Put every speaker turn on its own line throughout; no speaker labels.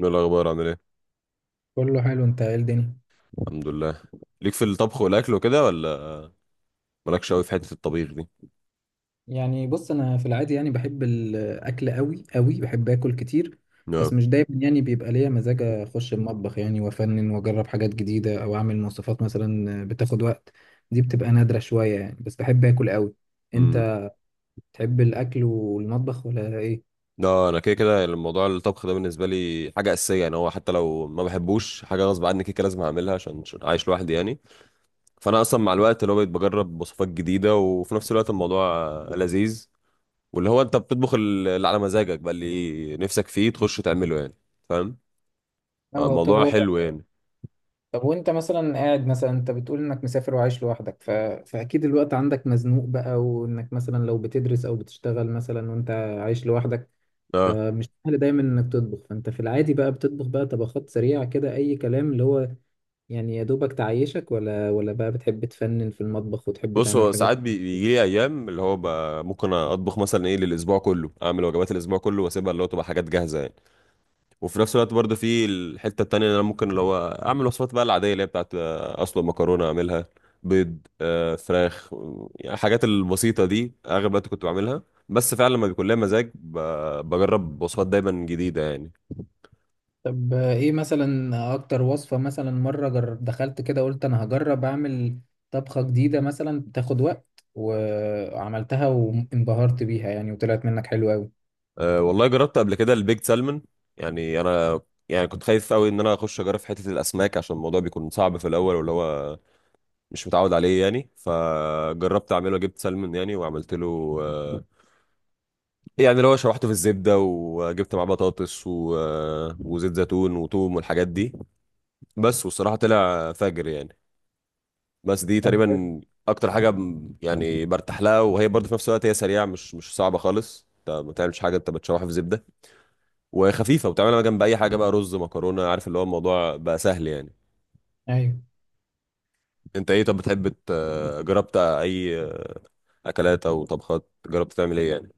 ايه الاخبار؟ عامل ايه؟
كله حلو. انت ايه الدنيا؟
الحمد لله. ليك في الطبخ والاكل وكده ولا؟ مالكش قوي في حته الطبيخ دي؟
بص، انا في العادي يعني بحب الاكل قوي قوي، بحب اكل كتير.
لا.
بس مش دايما يعني بيبقى ليا مزاج اخش المطبخ يعني وافنن واجرب حاجات جديده، او اعمل وصفات مثلا بتاخد وقت. دي بتبقى نادره شويه يعني. بس بحب اكل قوي.
امم
انت تحب الاكل والمطبخ ولا ايه؟
لا، انا كده كده الموضوع الطبخ ده بالنسبه لي حاجه اساسيه، يعني هو حتى لو ما بحبوش حاجه غصب عني كده كده لازم اعملها عشان عايش لوحدي يعني. فانا اصلا مع الوقت اللي هو بقيت بجرب وصفات جديده، وفي نفس الوقت الموضوع لذيذ. واللي هو انت بتطبخ اللي على مزاجك، بقى اللي نفسك فيه تخش تعمله يعني. فاهم؟
اه طب
الموضوع
هو.
حلو يعني.
طب وانت مثلا قاعد، مثلا انت بتقول انك مسافر وعايش لوحدك فاكيد الوقت عندك مزنوق بقى، وانك مثلا لو بتدرس او بتشتغل مثلا وانت عايش لوحدك،
اه،
فمش سهل دايما انك تطبخ. فانت في العادي بقى بتطبخ بقى طبخات سريعة كده، اي كلام، اللي هو يعني يا دوبك تعيشك، ولا بقى بتحب تفنن في المطبخ وتحب
بص
تعمل
هو
حاجات؟
ساعات بيجي لي ايام اللي هو ممكن اطبخ مثلا ايه للاسبوع كله، اعمل وجبات الاسبوع كله واسيبها اللي هو تبقى حاجات جاهزه يعني. وفي نفس الوقت برضه في الحته التانيه اللي انا ممكن اللي هو اعمل وصفات بقى العاديه، اللي هي بتاعت اسلق مكرونه اعملها، بيض، فراخ، يعني الحاجات البسيطه دي اغلب الوقت كنت بعملها. بس فعلا لما بيكون ليا مزاج بجرب وصفات دايما جديده يعني.
طب ايه مثلا اكتر وصفة مثلا مرة دخلت كده قلت انا هجرب اعمل طبخة جديدة مثلا تاخد وقت، وعملتها وانبهرت بيها يعني، وطلعت منك حلوة قوي؟
أه والله، جربت قبل كده البيك سالمون. يعني انا يعني كنت خايف قوي ان انا اخش اجرب في حته الاسماك، عشان الموضوع بيكون صعب في الاول واللي هو مش متعود عليه يعني. فجربت اعمله، جبت سلمون يعني، وعملت له يعني اللي هو شوحته في الزبده، وجبت معاه بطاطس و... آه، وزيت زيتون وتوم والحاجات دي. بس والصراحه طلع فاجر يعني. بس دي
طب
تقريبا اكتر حاجه يعني برتاح لها، وهي برضه في نفس الوقت هي سريعه، مش صعبه خالص، انت ما بتعملش حاجه، انت بتشوحها في زبده وخفيفه وبتعملها جنب اي حاجه بقى رز، مكرونه، عارف اللي هو الموضوع بقى سهل يعني.
ايوه،
انت ايه؟ طب بتحب جربت اي اكلات او طبخات، جربت تعمل ايه يعني؟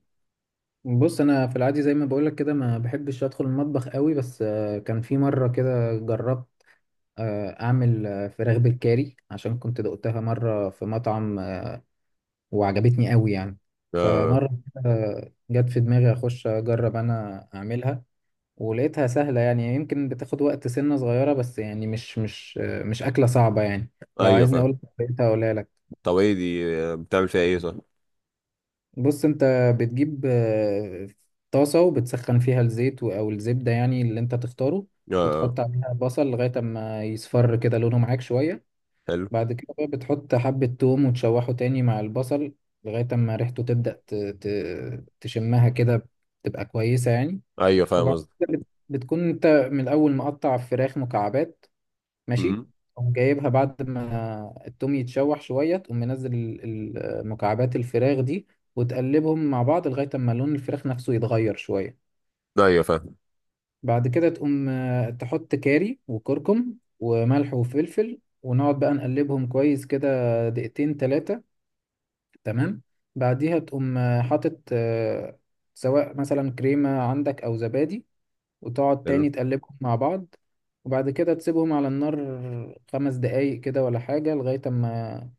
بص، انا في العادي زي ما بقولك كده ما بحبش ادخل المطبخ قوي. بس كان في مرة كده جربت اعمل فراخ بالكاري، عشان كنت دقتها مره في مطعم، وعجبتني قوي يعني.
اه.
فمره كده جت في دماغي اخش اجرب انا اعملها، ولقيتها سهله يعني. يمكن بتاخد وقت سنه صغيره، بس يعني مش مش اكله صعبه يعني. لو
ايوه،
عايزني
فاهم.
اقول لقيتها اقولها لك.
طب ايه دي؟ بتعمل فيها ايه؟ صح.
بص، انت بتجيب طاسه وبتسخن فيها الزيت او الزبده، يعني اللي انت تختاره،
اه.
وتحط عليها بصل لغايه اما يصفر كده لونه معاك شويه.
حلو.
بعد كده بقى بتحط حبة توم وتشوحه تاني مع البصل لغاية أما ريحته تبدأ تشمها كده تبقى كويسة يعني.
ايوه فاهم
وبعد
قصدي.
كده بتكون أنت من الأول مقطع فراخ مكعبات، ماشي.
امم.
تقوم جايبها بعد ما التوم يتشوح شوية، تقوم منزل مكعبات الفراخ دي، وتقلبهم مع بعض لغاية أما لون الفراخ نفسه يتغير شوية.
ايوه فاهم.
بعد كده تقوم تحط كاري وكركم وملح وفلفل، ونقعد بقى نقلبهم كويس كده 2 3 دقايق، تمام. بعديها تقوم حاطط، سواء مثلا كريمة عندك أو زبادي، وتقعد
حلو.
تاني تقلبهم مع بعض. وبعد كده تسيبهم على النار 5 دقايق كده ولا حاجة، لغاية أما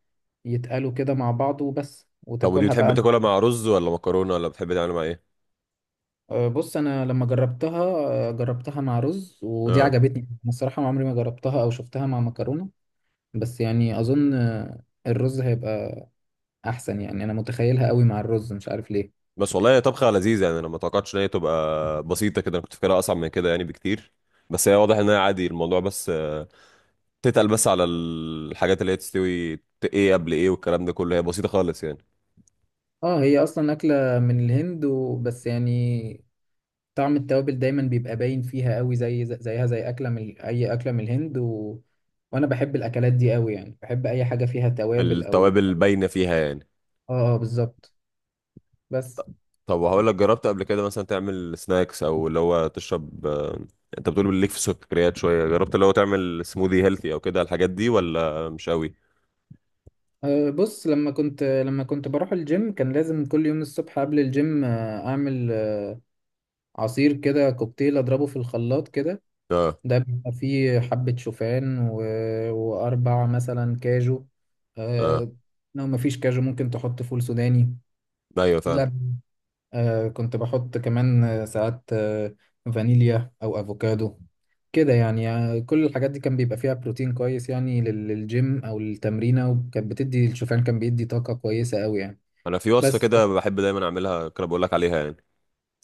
يتقلوا كده مع بعض وبس،
طب ودي
وتاكلها
بتحب
بقى مع
تاكلها مع رز ولا مكرونه، ولا بتحب تعملها مع ايه؟
بص، أنا لما جربتها جربتها مع رز، ودي
اه.
عجبتني أنا الصراحة. عمري ما جربتها أو شفتها مع مكرونة، بس يعني أظن الرز هيبقى أحسن، يعني أنا متخيلها قوي مع الرز مش عارف ليه.
بس والله هي طبخه لذيذه يعني، انا ما توقعتش ان هي تبقى بسيطه كده، انا كنت فاكرها اصعب من كده يعني بكتير. بس هي واضح ان هي عادي الموضوع، بس تتقل بس على الحاجات اللي هي تستوي ايه قبل ايه، والكلام ده كله هي بسيطه خالص يعني.
اه، هي اصلا اكله من الهند وبس يعني. طعم التوابل دايما بيبقى باين فيها قوي، زي زيها زي اكله من اي اكله من الهند وانا بحب الاكلات دي قوي يعني، بحب اي حاجه فيها توابل او
التوابل باينه فيها يعني.
اه اه بالظبط. بس
طب، وهقول لك، جربت قبل كده مثلا تعمل سناكس، او اللي هو تشرب انت بتقول ليك في السكريات شويه، جربت اللي هو تعمل سموذي هيلثي او كده الحاجات دي، ولا مش قوي؟
بص، لما كنت بروح الجيم كان لازم كل يوم الصبح قبل الجيم اعمل عصير كده كوكتيل اضربه في الخلاط كده.
اه.
ده بيبقى فيه حبة شوفان وأربع مثلا كاجو،
اه.
آه لو مفيش كاجو ممكن تحط فول سوداني،
ايوه فعلا.
لبن. كنت بحط كمان ساعات فانيليا أو أفوكادو كده يعني, كل الحاجات دي كان بيبقى فيها بروتين كويس يعني للجيم أو للتمرينة، وكانت بتدي الشوفان، كان بيدي طاقة كويسة أوي يعني.
انا في وصفه
بس
كده بحب دايما اعملها، كده بقول لك عليها يعني.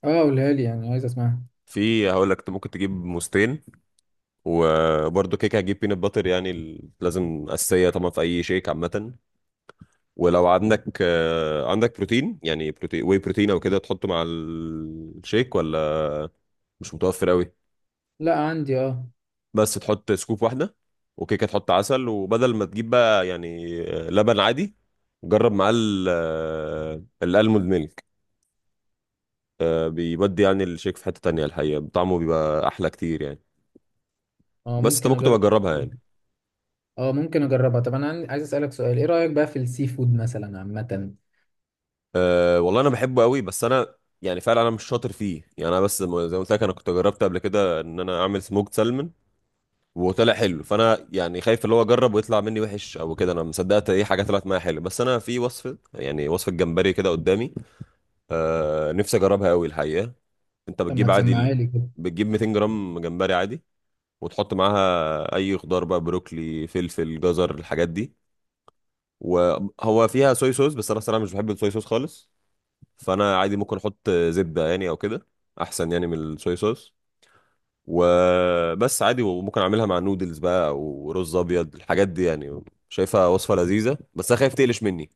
اه، قولها لي يعني عايز أسمعها.
في، هقول لك، انت ممكن تجيب موزتين، وبرده كيكه هتجيب بينات باتر، يعني لازم اساسيه طبعا في اي شيك عامه. ولو عندك عندك بروتين، يعني بروتين، واي بروتين او كده تحطه مع الشيك، ولا مش متوفر قوي؟
لا عندي اه.
بس تحط سكوب واحده، وكيكه تحط عسل، وبدل ما تجيب بقى يعني لبن عادي، جرب معاه الالموند ميلك. بيودي يعني الشيك في حته تانية الحقيقه، طعمه بيبقى احلى كتير يعني.
اه
بس انت
ممكن
ممكن تبقى
أجرب
تجربها
حاجة.
يعني.
اه ممكن اجربها. طب انا عايز اسالك سؤال: ايه رايك بقى في السي فود مثلا عامه؟
أه والله انا بحبه قوي، بس انا يعني فعلا انا مش شاطر فيه يعني، انا بس زي ما قلت لك، انا كنت جربت قبل كده ان انا اعمل سموكed سالمون، وطلع حلو، فانا يعني خايف اللي هو اجرب ويطلع مني وحش او كده، انا مصدقت ايه حاجه طلعت معايا حلو. بس انا في وصفه، يعني وصفه جمبري كده قدامي، آه نفسي اجربها قوي الحقيقه. انت
طب ما
بتجيب عادي
تسمعها لي كده.
بتجيب 200 جرام جمبري عادي، وتحط معاها اي خضار بقى، بروكلي، فلفل، جزر، الحاجات دي. وهو فيها صويا صوص، بس انا صراحه مش بحب الصويا صوص خالص، فانا عادي ممكن احط زبده يعني او كده، احسن يعني من الصويا صوص. وبس عادي، وممكن اعملها مع نودلز بقى او رز ابيض، الحاجات دي يعني. شايفها وصفه لذيذه، بس انا خايف تقلش مني.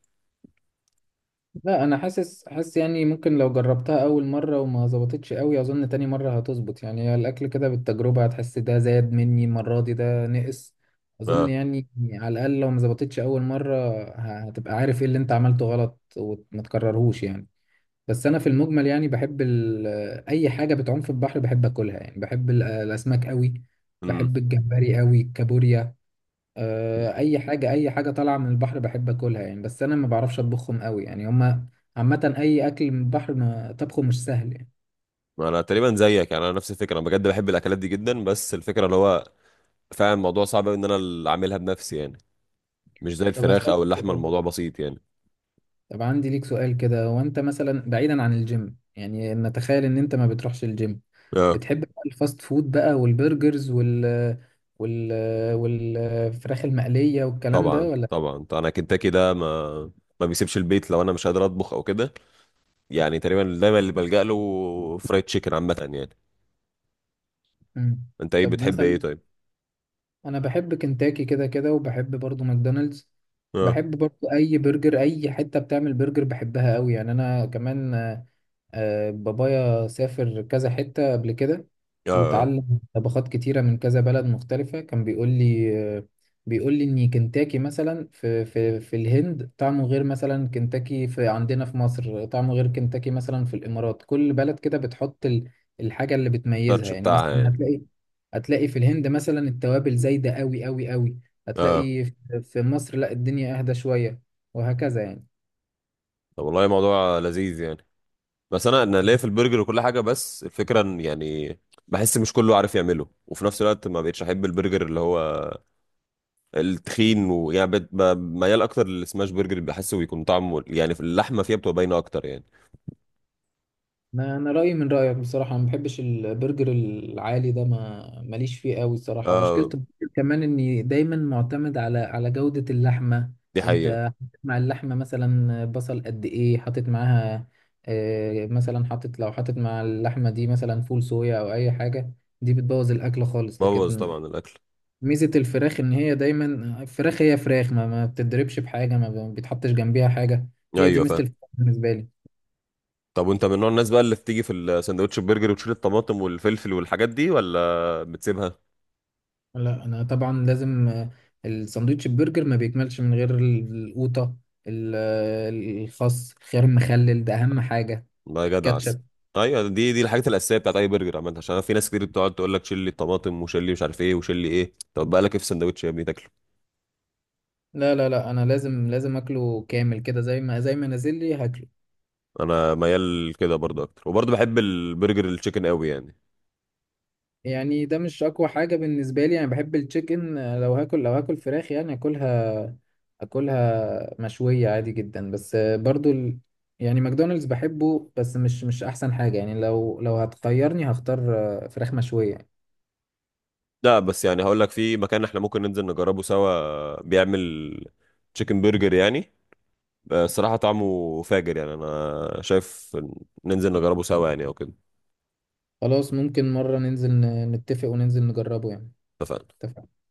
لا انا حاسس يعني ممكن لو جربتها اول مره وما ظبطتش قوي، اظن تاني مره هتظبط يعني. هي الاكل كده بالتجربه، هتحس ده زاد مني المره دي، ده نقص، اظن
اه.
يعني. على الاقل لو ما ظبطتش اول مره هتبقى عارف ايه اللي انت عملته غلط، وما تكررهوش يعني. بس انا في المجمل يعني بحب اي حاجه بتعوم في البحر بحب اكلها يعني، بحب الاسماك قوي،
امم.
بحب الجمبري قوي، الكابوريا. اي حاجه طالعه من البحر بحب اكلها يعني. بس انا ما بعرفش اطبخهم قوي يعني. هما عامه اي اكل من البحر ما طبخه مش سهل يعني.
انا تقريبا زيك يعني، انا نفس الفكره، انا بجد بحب الاكلات دي جدا، بس الفكره اللي هو فعلا الموضوع صعب أوي ان انا اللي اعملها بنفسي يعني، مش زي
طب
الفراخ
اسالك
او اللحمه
سؤال.
الموضوع بسيط يعني.
طب عندي ليك سؤال كده: هو انت مثلا بعيدا عن الجيم، يعني نتخيل ان انت ما بتروحش الجيم،
اه.
بتحب بقى الفاست فود بقى والبرجرز وال والفراخ المقليه والكلام ده
طبعا
ولا؟
طبعا، انا كنتاكي ده ما ما بيسيبش البيت لو انا مش قادر اطبخ او كده، يعني تقريبا دايما اللي بلجأ له فرايد تشيكن عامه يعني.
مم.
انت ايه؟
طب
بتحب ايه
مثلا
طيب؟
انا بحب كنتاكي كده كده، وبحب برضو ماكدونالدز.
اه.
بحب برضو اي برجر، اي حته بتعمل برجر بحبها قوي يعني. انا كمان بابايا سافر كذا حتة قبل كده
اه. اه.
وتعلم طبخات كتيرة من كذا بلد مختلفة. كان بيقول لي بيقول لي إن كنتاكي مثلا في الهند طعمه غير مثلا كنتاكي في عندنا في مصر، طعمه غير كنتاكي مثلا في الإمارات. كل بلد كده بتحط الحاجة اللي بتميزها
التاتش
يعني.
بتاعها
مثلا
يعني.
هتلاقي، هتلاقي في الهند مثلا التوابل زايدة قوي قوي قوي،
اه.
هتلاقي في مصر لا الدنيا أهدى شوية، وهكذا يعني.
طب والله موضوع لذيذ يعني. بس انا انا ليا في البرجر وكل حاجه، بس الفكره ان يعني بحس مش كله عارف يعمله، وفي نفس الوقت ما بقتش احب البرجر اللي هو التخين، ويعني ميال اكتر للسماش برجر، اللي بحسه بيكون طعمه يعني في اللحمه فيها بتبقى باينه اكتر يعني.
أنا رايي من رايك بصراحه. أنا ما بحبش البرجر العالي ده، ما ماليش فيه قوي الصراحه. ومشكله
اه،
البرجر كمان اني دايما معتمد على جوده اللحمه.
دي حقيقه.
انت مع اللحمه مثلا بصل قد ايه حاطط معاها؟ مثلا حاطط، لو مع اللحمه دي مثلا فول صويا او اي حاجه، دي بتبوظ الاكل خالص.
بوظ
لكن
طبعا الاكل.
ميزه الفراخ ان هي دايما الفراخ، هي فراخ، ما بتتضربش بحاجه، ما بيتحطش جنبيها حاجه. هي دي
ايوه
ميزه
فاهم.
الفراخ بالنسبه لي.
طب وانت من نوع الناس بقى اللي بتيجي في الساندوتش البرجر وتشيل الطماطم والفلفل والحاجات دي، ولا بتسيبها؟
لا انا طبعا لازم الساندوتش البرجر ما بيكملش من غير القوطه، ال- الخس، الخيار، المخلل ده اهم حاجه،
لا يا جدع، عسل.
الكاتشب.
ايوه، دي الحاجات الاساسيه بتاعت اي برجر عامه، عشان أنا في ناس كتير بتقعد تقول لك شيل لي الطماطم، وشيل لي مش عارف ايه، وشيل لي ايه، طب بقى لك ايه في الساندوتش يا ابني تاكله؟
لا لا لا، انا لازم اكله كامل كده، زي ما نازل لي هاكله.
انا ميال كده برضه اكتر، وبرضه بحب البرجر التشيكن قوي يعني.
يعني ده مش اقوى حاجه بالنسبه لي، انا بحب التشيكن. لو هاكل فراخ يعني اكلها، اكلها مشويه عادي جدا. بس برضو يعني ماكدونالدز بحبه، بس مش احسن حاجه يعني. لو هتخيرني هختار فراخ مشويه.
لا بس يعني هقول لك في مكان احنا ممكن ننزل نجربه سوا، بيعمل تشيكن برجر يعني، الصراحة طعمه فاجر يعني، انا شايف ننزل نجربه سوا يعني او كده.
خلاص ممكن مرة ننزل نتفق وننزل نجربه يعني.
اتفقنا.
اتفقنا.